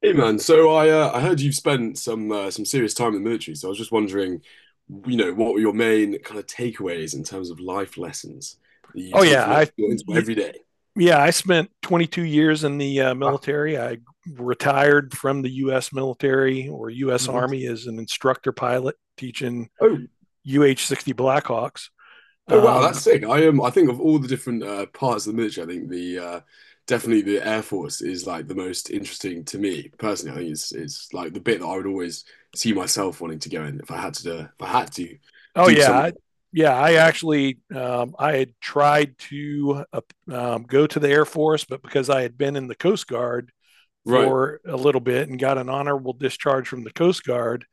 Hey man, so I heard you've spent some serious time in the military, so I was just wondering, you know, what were your main kind of takeaways in terms of life lessons that you Oh take yeah, from it I into every day? yeah I spent 22 years in the Wow. military. I retired from the U.S. military or Oh, U.S. nice. Army as an instructor pilot teaching Oh. UH-60 Blackhawks. Oh wow, that's Um, sick. I think of all the different parts of the military, I think the definitely the Air Force is like the most interesting to me personally. I think it's like the bit that I would always see myself wanting to go in if I had to do, if I had to oh do yeah, something. I, yeah. I actually I had tried to go to the Air Force, but because I had been in the Coast Guard Right. for a little bit and got an honorable discharge from the Coast Guard,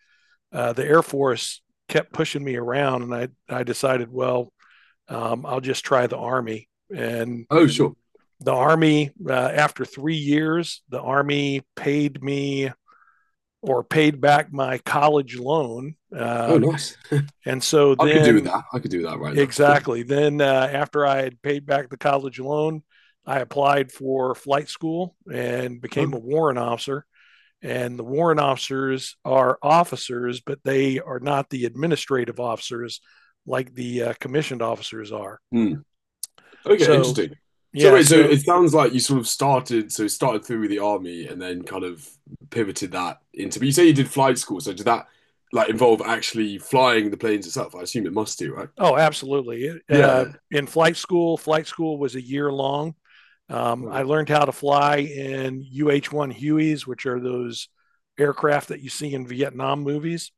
the Air Force kept pushing me around, and I decided, well, I'll just try the Army. And Oh, sure. the Army, after 3 years, the Army paid me or paid back my college loan. Oh, nice. And so I could do with then, that. I could do that right now. exactly, then after I had paid back the college loan, I applied for flight school and became Oh. a warrant officer. And the warrant officers are officers, but they are not the administrative officers like the commissioned officers are. Hmm. Okay, So, interesting. So yeah, wait, so so it sounds like you sort of started, so started through with the army and then kind of pivoted that into. But you say you did flight school, so did that like involve actually flying the planes itself? I assume it must do, right? Oh, absolutely. Yeah, yeah. In flight school was a year long. Okay. I learned how to fly in UH 1 Hueys, which are those aircraft that you see in Vietnam movies.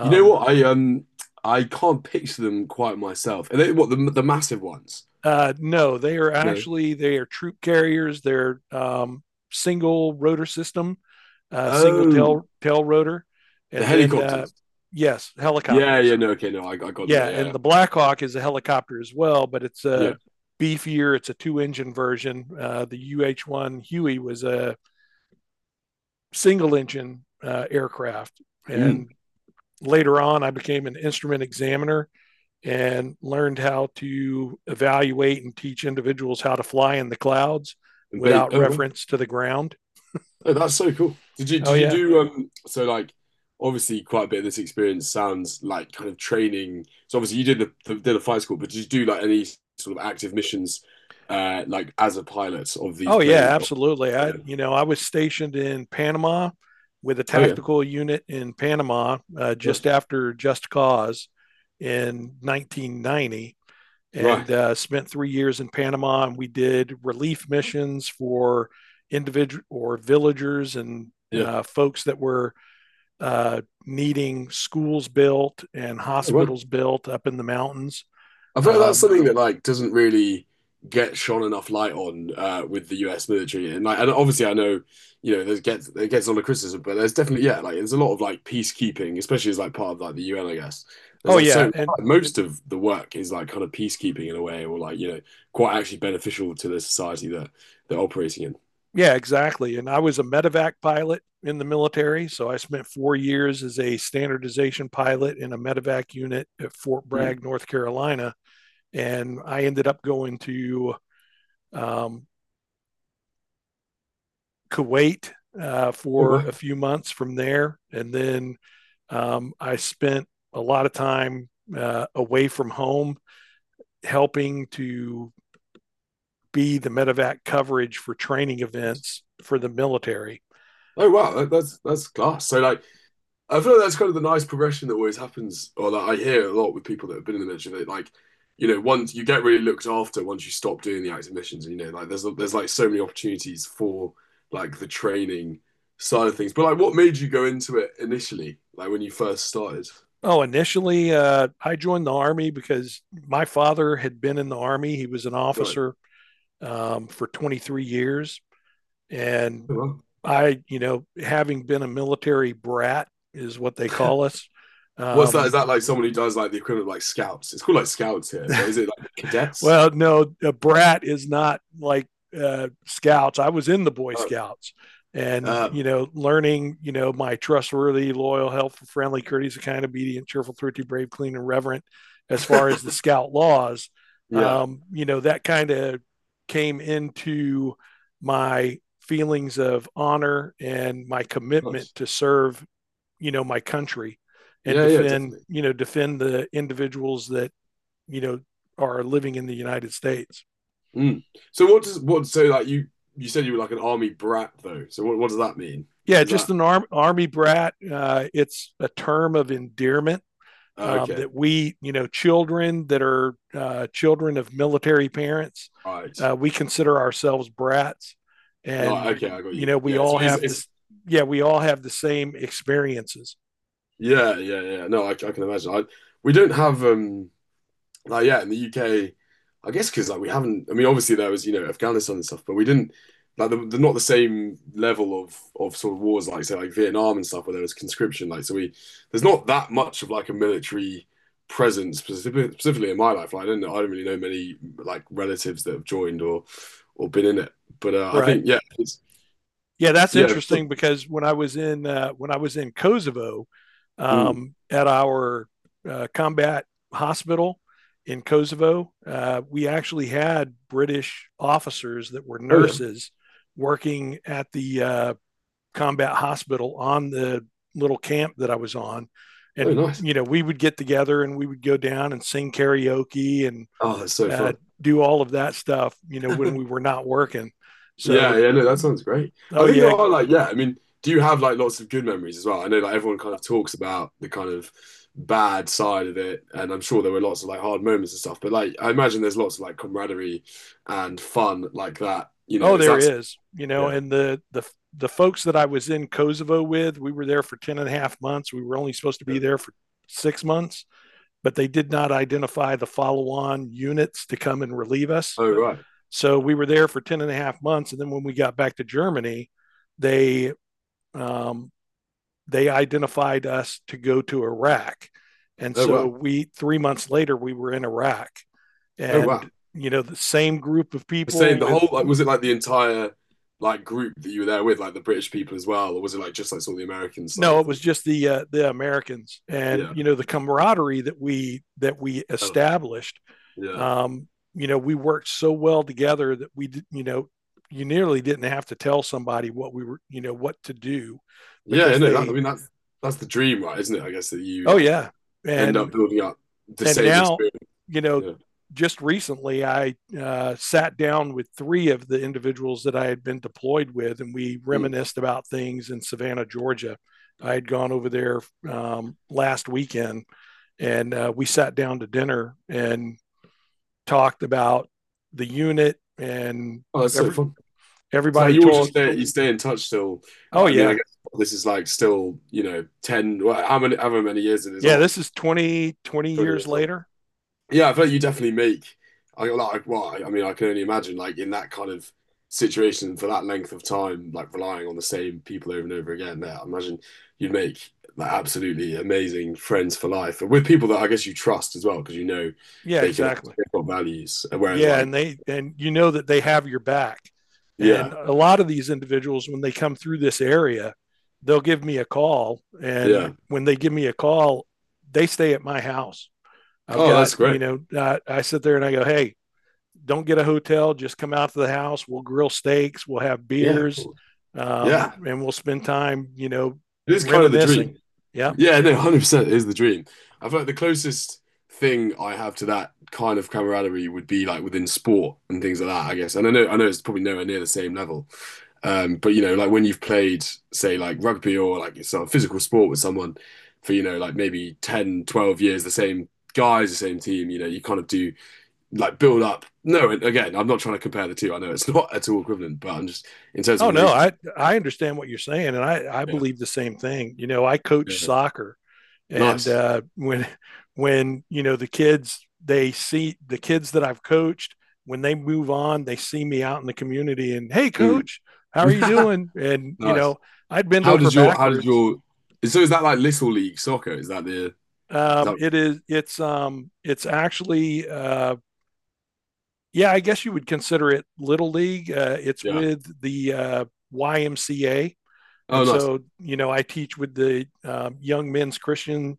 You know what? I can't picture them quite myself. And they, what the massive ones? No, they are No. actually they are troop carriers. They're single rotor system, single Oh, tail rotor, the and then helicopters. yes, Yeah, yeah. helicopters. No, okay, no, I got them. Yeah, and Yeah, the Blackhawk is a helicopter as well, but it's a yeah. beefier. It's a two-engine version. The UH-1 Huey was a single-engine aircraft, Mm. and later on, I became an instrument examiner and learned how to evaluate and teach individuals how to fly in the clouds And without oh, wow. reference to the ground. Oh, that's so cool. Did you Oh did you yeah, do so like obviously quite a bit of this experience sounds like kind of training. So obviously you did the did a flight school, but did you do like any sort of active missions like as a pilot of these Oh yeah, plane? Oh, absolutely. I, yeah. you know, I was stationed in Panama with a Oh yeah. tactical unit in Panama just Nice. after Just Cause in 1990, and Right. Spent 3 years in Panama. And we did relief missions for individual or villagers and Yeah. Folks that were needing schools built and Oh, wow. hospitals built up in the mountains. I feel like that's Um, something that like doesn't really get shone enough light on with the U.S. military, and like, and obviously I know, you know, there's gets it gets a lot of criticism, but there's definitely yeah, like there's a lot of like peacekeeping, especially as like part of like the UN, I guess. There's oh like so yeah, and like, most of the work is like kind of peacekeeping in a way, or like you know, quite actually beneficial to the society that they're operating in. Yeah, exactly. And I was a medevac pilot in the military. So I spent 4 years as a standardization pilot in a medevac unit at Fort Hmm. Bragg, North Carolina. And I ended up going to um, Kuwait Oh for wow! a few months from there. And then I spent a lot of time away from home helping to be the medevac coverage for training events for the military. Oh wow! That's class. So like I feel like that's kind of the nice progression that always happens, or that I hear a lot with people that have been in the military. That like, you know, once you get really looked after once you stop doing the active missions, and you know, like there's like so many opportunities for like the training side of things. But like, what made you go into it initially, like when you first started? Oh, initially, I joined the Army because my father had been in the Army. He was an Right. officer for 23 years. And Oh, wow. I, you know, having been a military brat is what they call us. What's that? Is um, that like someone who does like the equivalent of like scouts? It's called like scouts here, but is it like cadets? Well, no, a brat is not like scouts. I was in the Boy Oh. Scouts and, um, you know, learning, you know, my trustworthy, loyal, helpful, friendly, courteous, kind, obedient, cheerful, thrifty, brave, clean, and reverent as far as the scout laws. yeah. You know, that kind of came into my feelings of honor and my commitment Nice. to serve, you know, my country and Yeah, yeah, defend, definitely. you know, defend the individuals that, you know, are living in the United States. Mm. So what does what so like you said you were like an army brat though. So what does that mean? Yeah, Like is just that an army brat. It's a term of endearment okay? that we, you know, children that are, children of military parents, Right. We consider ourselves brats, No, and okay, I got you you. know, we Yeah, all have it's this. Yeah, we all have the same experiences, yeah, yeah, yeah. No, I can imagine. I we don't have Like yeah, in the UK, I guess because like we haven't. I mean, obviously there was you know Afghanistan and stuff, but we didn't like they're not the same level of sort of wars like say like Vietnam and stuff where there was conscription. Like so we there's not that much of like a military presence specifically in my life. Like I don't know, I don't really know many like relatives that have joined or been in it. But I right? think Yeah, that's yeah. interesting It's- because when I was in Kosovo mm. At our combat hospital in Kosovo, we actually had British officers that were Oh yeah. nurses working at the combat hospital on the little camp that I was on, Oh and nice. you know we would get together and we would go down and sing karaoke and Oh, that's so uh, fun. do all of that stuff. You know, when we were not working. So, Yeah, yeah, no, that sounds great. oh I think there yeah, are like, yeah, I mean, do you have like lots of good memories as well? I know like everyone kind of talks about the kind of bad side of it, and I'm sure there were lots of like hard moments and stuff, but like I imagine there's lots of like camaraderie and fun like that. You know, oh, is there that is, you know, yeah. and the the folks that I was in Kosovo with, we were there for 10 and a half months. We were only supposed to be Yeah. there for 6 months, but they did not identify the follow on units to come and relieve us. Oh right. So we were there for 10 and a half months. And then when we got back to Germany, they, um, they identified us to go to Iraq. And Oh so wow. we, 3 months later, we were in Iraq Oh and, wow. you know, the same group of The same, people the with. whole like was it like the entire like group that you were there with, like the British people as well, or was it like just like sort of the American side No, of it was things? just the Americans, and Yeah. you know the camaraderie that we Developed. established. Yeah. Um, you know, we worked so well together that we, you know, you nearly didn't have to tell somebody what we were, you know, what to do, Yeah, because I know that. I they, mean, that's the dream, right? Isn't it? I guess that you oh like yeah, end up and building up the and same now, experience. you know, Yeah. just recently I sat down with three of the individuals that I had been deployed with, and we Mm. reminisced about things in Savannah, Georgia. I had gone over there last weekend, and we sat down to dinner and talked about the unit, and Oh, that's so every fun. So like everybody you all just told, stay you stay in touch still. "Oh Like I mean, I yeah, guess this is like still you know ten. Well, how many however many years it is yeah, on? this is 20, Twenty years years on. later." Yeah, I feel like you definitely make. I like. Well, I mean, I can only imagine like in that kind of situation for that length of time, like relying on the same people over and over again. There, I imagine you'd make like absolutely amazing friends for life, and with people that I guess you trust as well, because you know Yeah, they can actually exactly. they've got values. Whereas, Yeah, like, and they, and you know that they have your back. And yeah, a lot of these individuals when they come through this area, they'll give me a call, yeah. and when they give me a call, they stay at my house. I've Oh, got, that's you great. know, I sit there and I go, "Hey, don't get a hotel. Just come out to the house. We'll grill steaks. We'll have Yeah, beers, cool. Yeah, and we'll spend time, you know, it is kind of the reminiscing. dream. Yeah. Yeah, no, 100% is the dream. I feel like the closest thing I have to that kind of camaraderie would be like within sport and things like that, I guess. And I know it's probably nowhere near the same level. But you know, like when you've played, say, like rugby or like sort of physical sport with someone for, you know, like maybe 10, 12 years, the same guys, the same team, you know, you kind of do like build up. No, and again, I'm not trying to compare the two. I know it's not at all equivalent, but I'm just in terms of Oh no, relating. I understand what you're saying, and I Yeah, believe the same thing. You know, I yeah. coach soccer, and Nice. when you know the kids, they see the kids that I've coached when they move on, they see me out in the community and, hey, Mm. coach, how are you doing? And you Nice. know, I'd bend How over did your how did backwards. your so is that like Little League Soccer? Is that It is. It's actually. Yeah, I guess you would consider it little league. It's yeah? with the YMCA, and Oh, nice. so you know I teach with the Young Men's Christian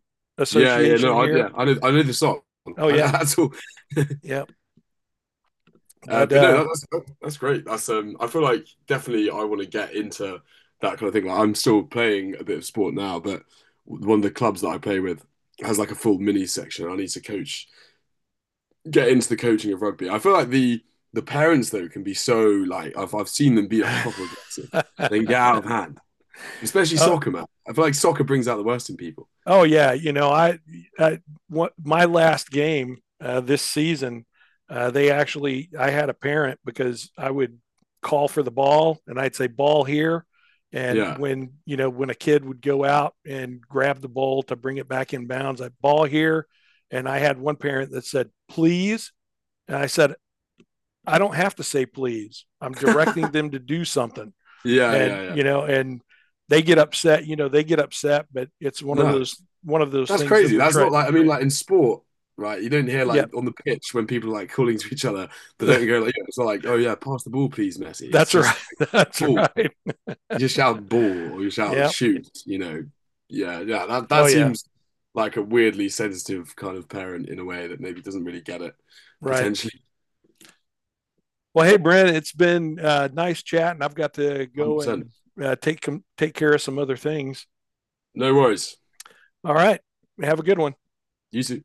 Yeah, yeah. Association No, I here. yeah. I know the song. Oh yeah, that's all. yeah. uh, But but no, that's great. That's. I feel like definitely I want to get into that kind of thing. Like I'm still playing a bit of sport now, but one of the clubs that I play with has like a full mini section. I need to coach, get into the coaching of rugby. I feel like the parents though can be so like I've seen them be like proper aggressive. They can get out of hand. Especially uh, soccer, man. I feel like soccer brings out the worst in people. Oh yeah, you know I my last game this season, they actually, I had a parent, because I would call for the ball and I'd say ball here, and Yeah. when you know when a kid would go out and grab the ball to bring it back in bounds, I ball here, and I had one parent that said please, and I said I don't have to say please, I'm directing yeah, them to do something, yeah, and yeah. you know and they get upset, you know they get upset, but it's one of No, those one of those that's things that crazy. we're That's not trying. like, I mean, like in sport, right? You don't hear Yeah, like on the pitch when people are like calling to each other, they don't go like, "Yeah," it's not like, oh yeah, pass the ball, please, Messi. It's that's just right. like, That's ball. right. You just shout ball or you shout Yeah, shoot, you know. Yeah, yeah. Oh That yeah, seems like a weirdly sensitive kind of parent in a way that maybe doesn't really get it right. potentially. Well, hey, Brent, it's been nice chat, and I've got to go and 100%. uh, take take care of some other things. No worries. All right, have a good one. You too.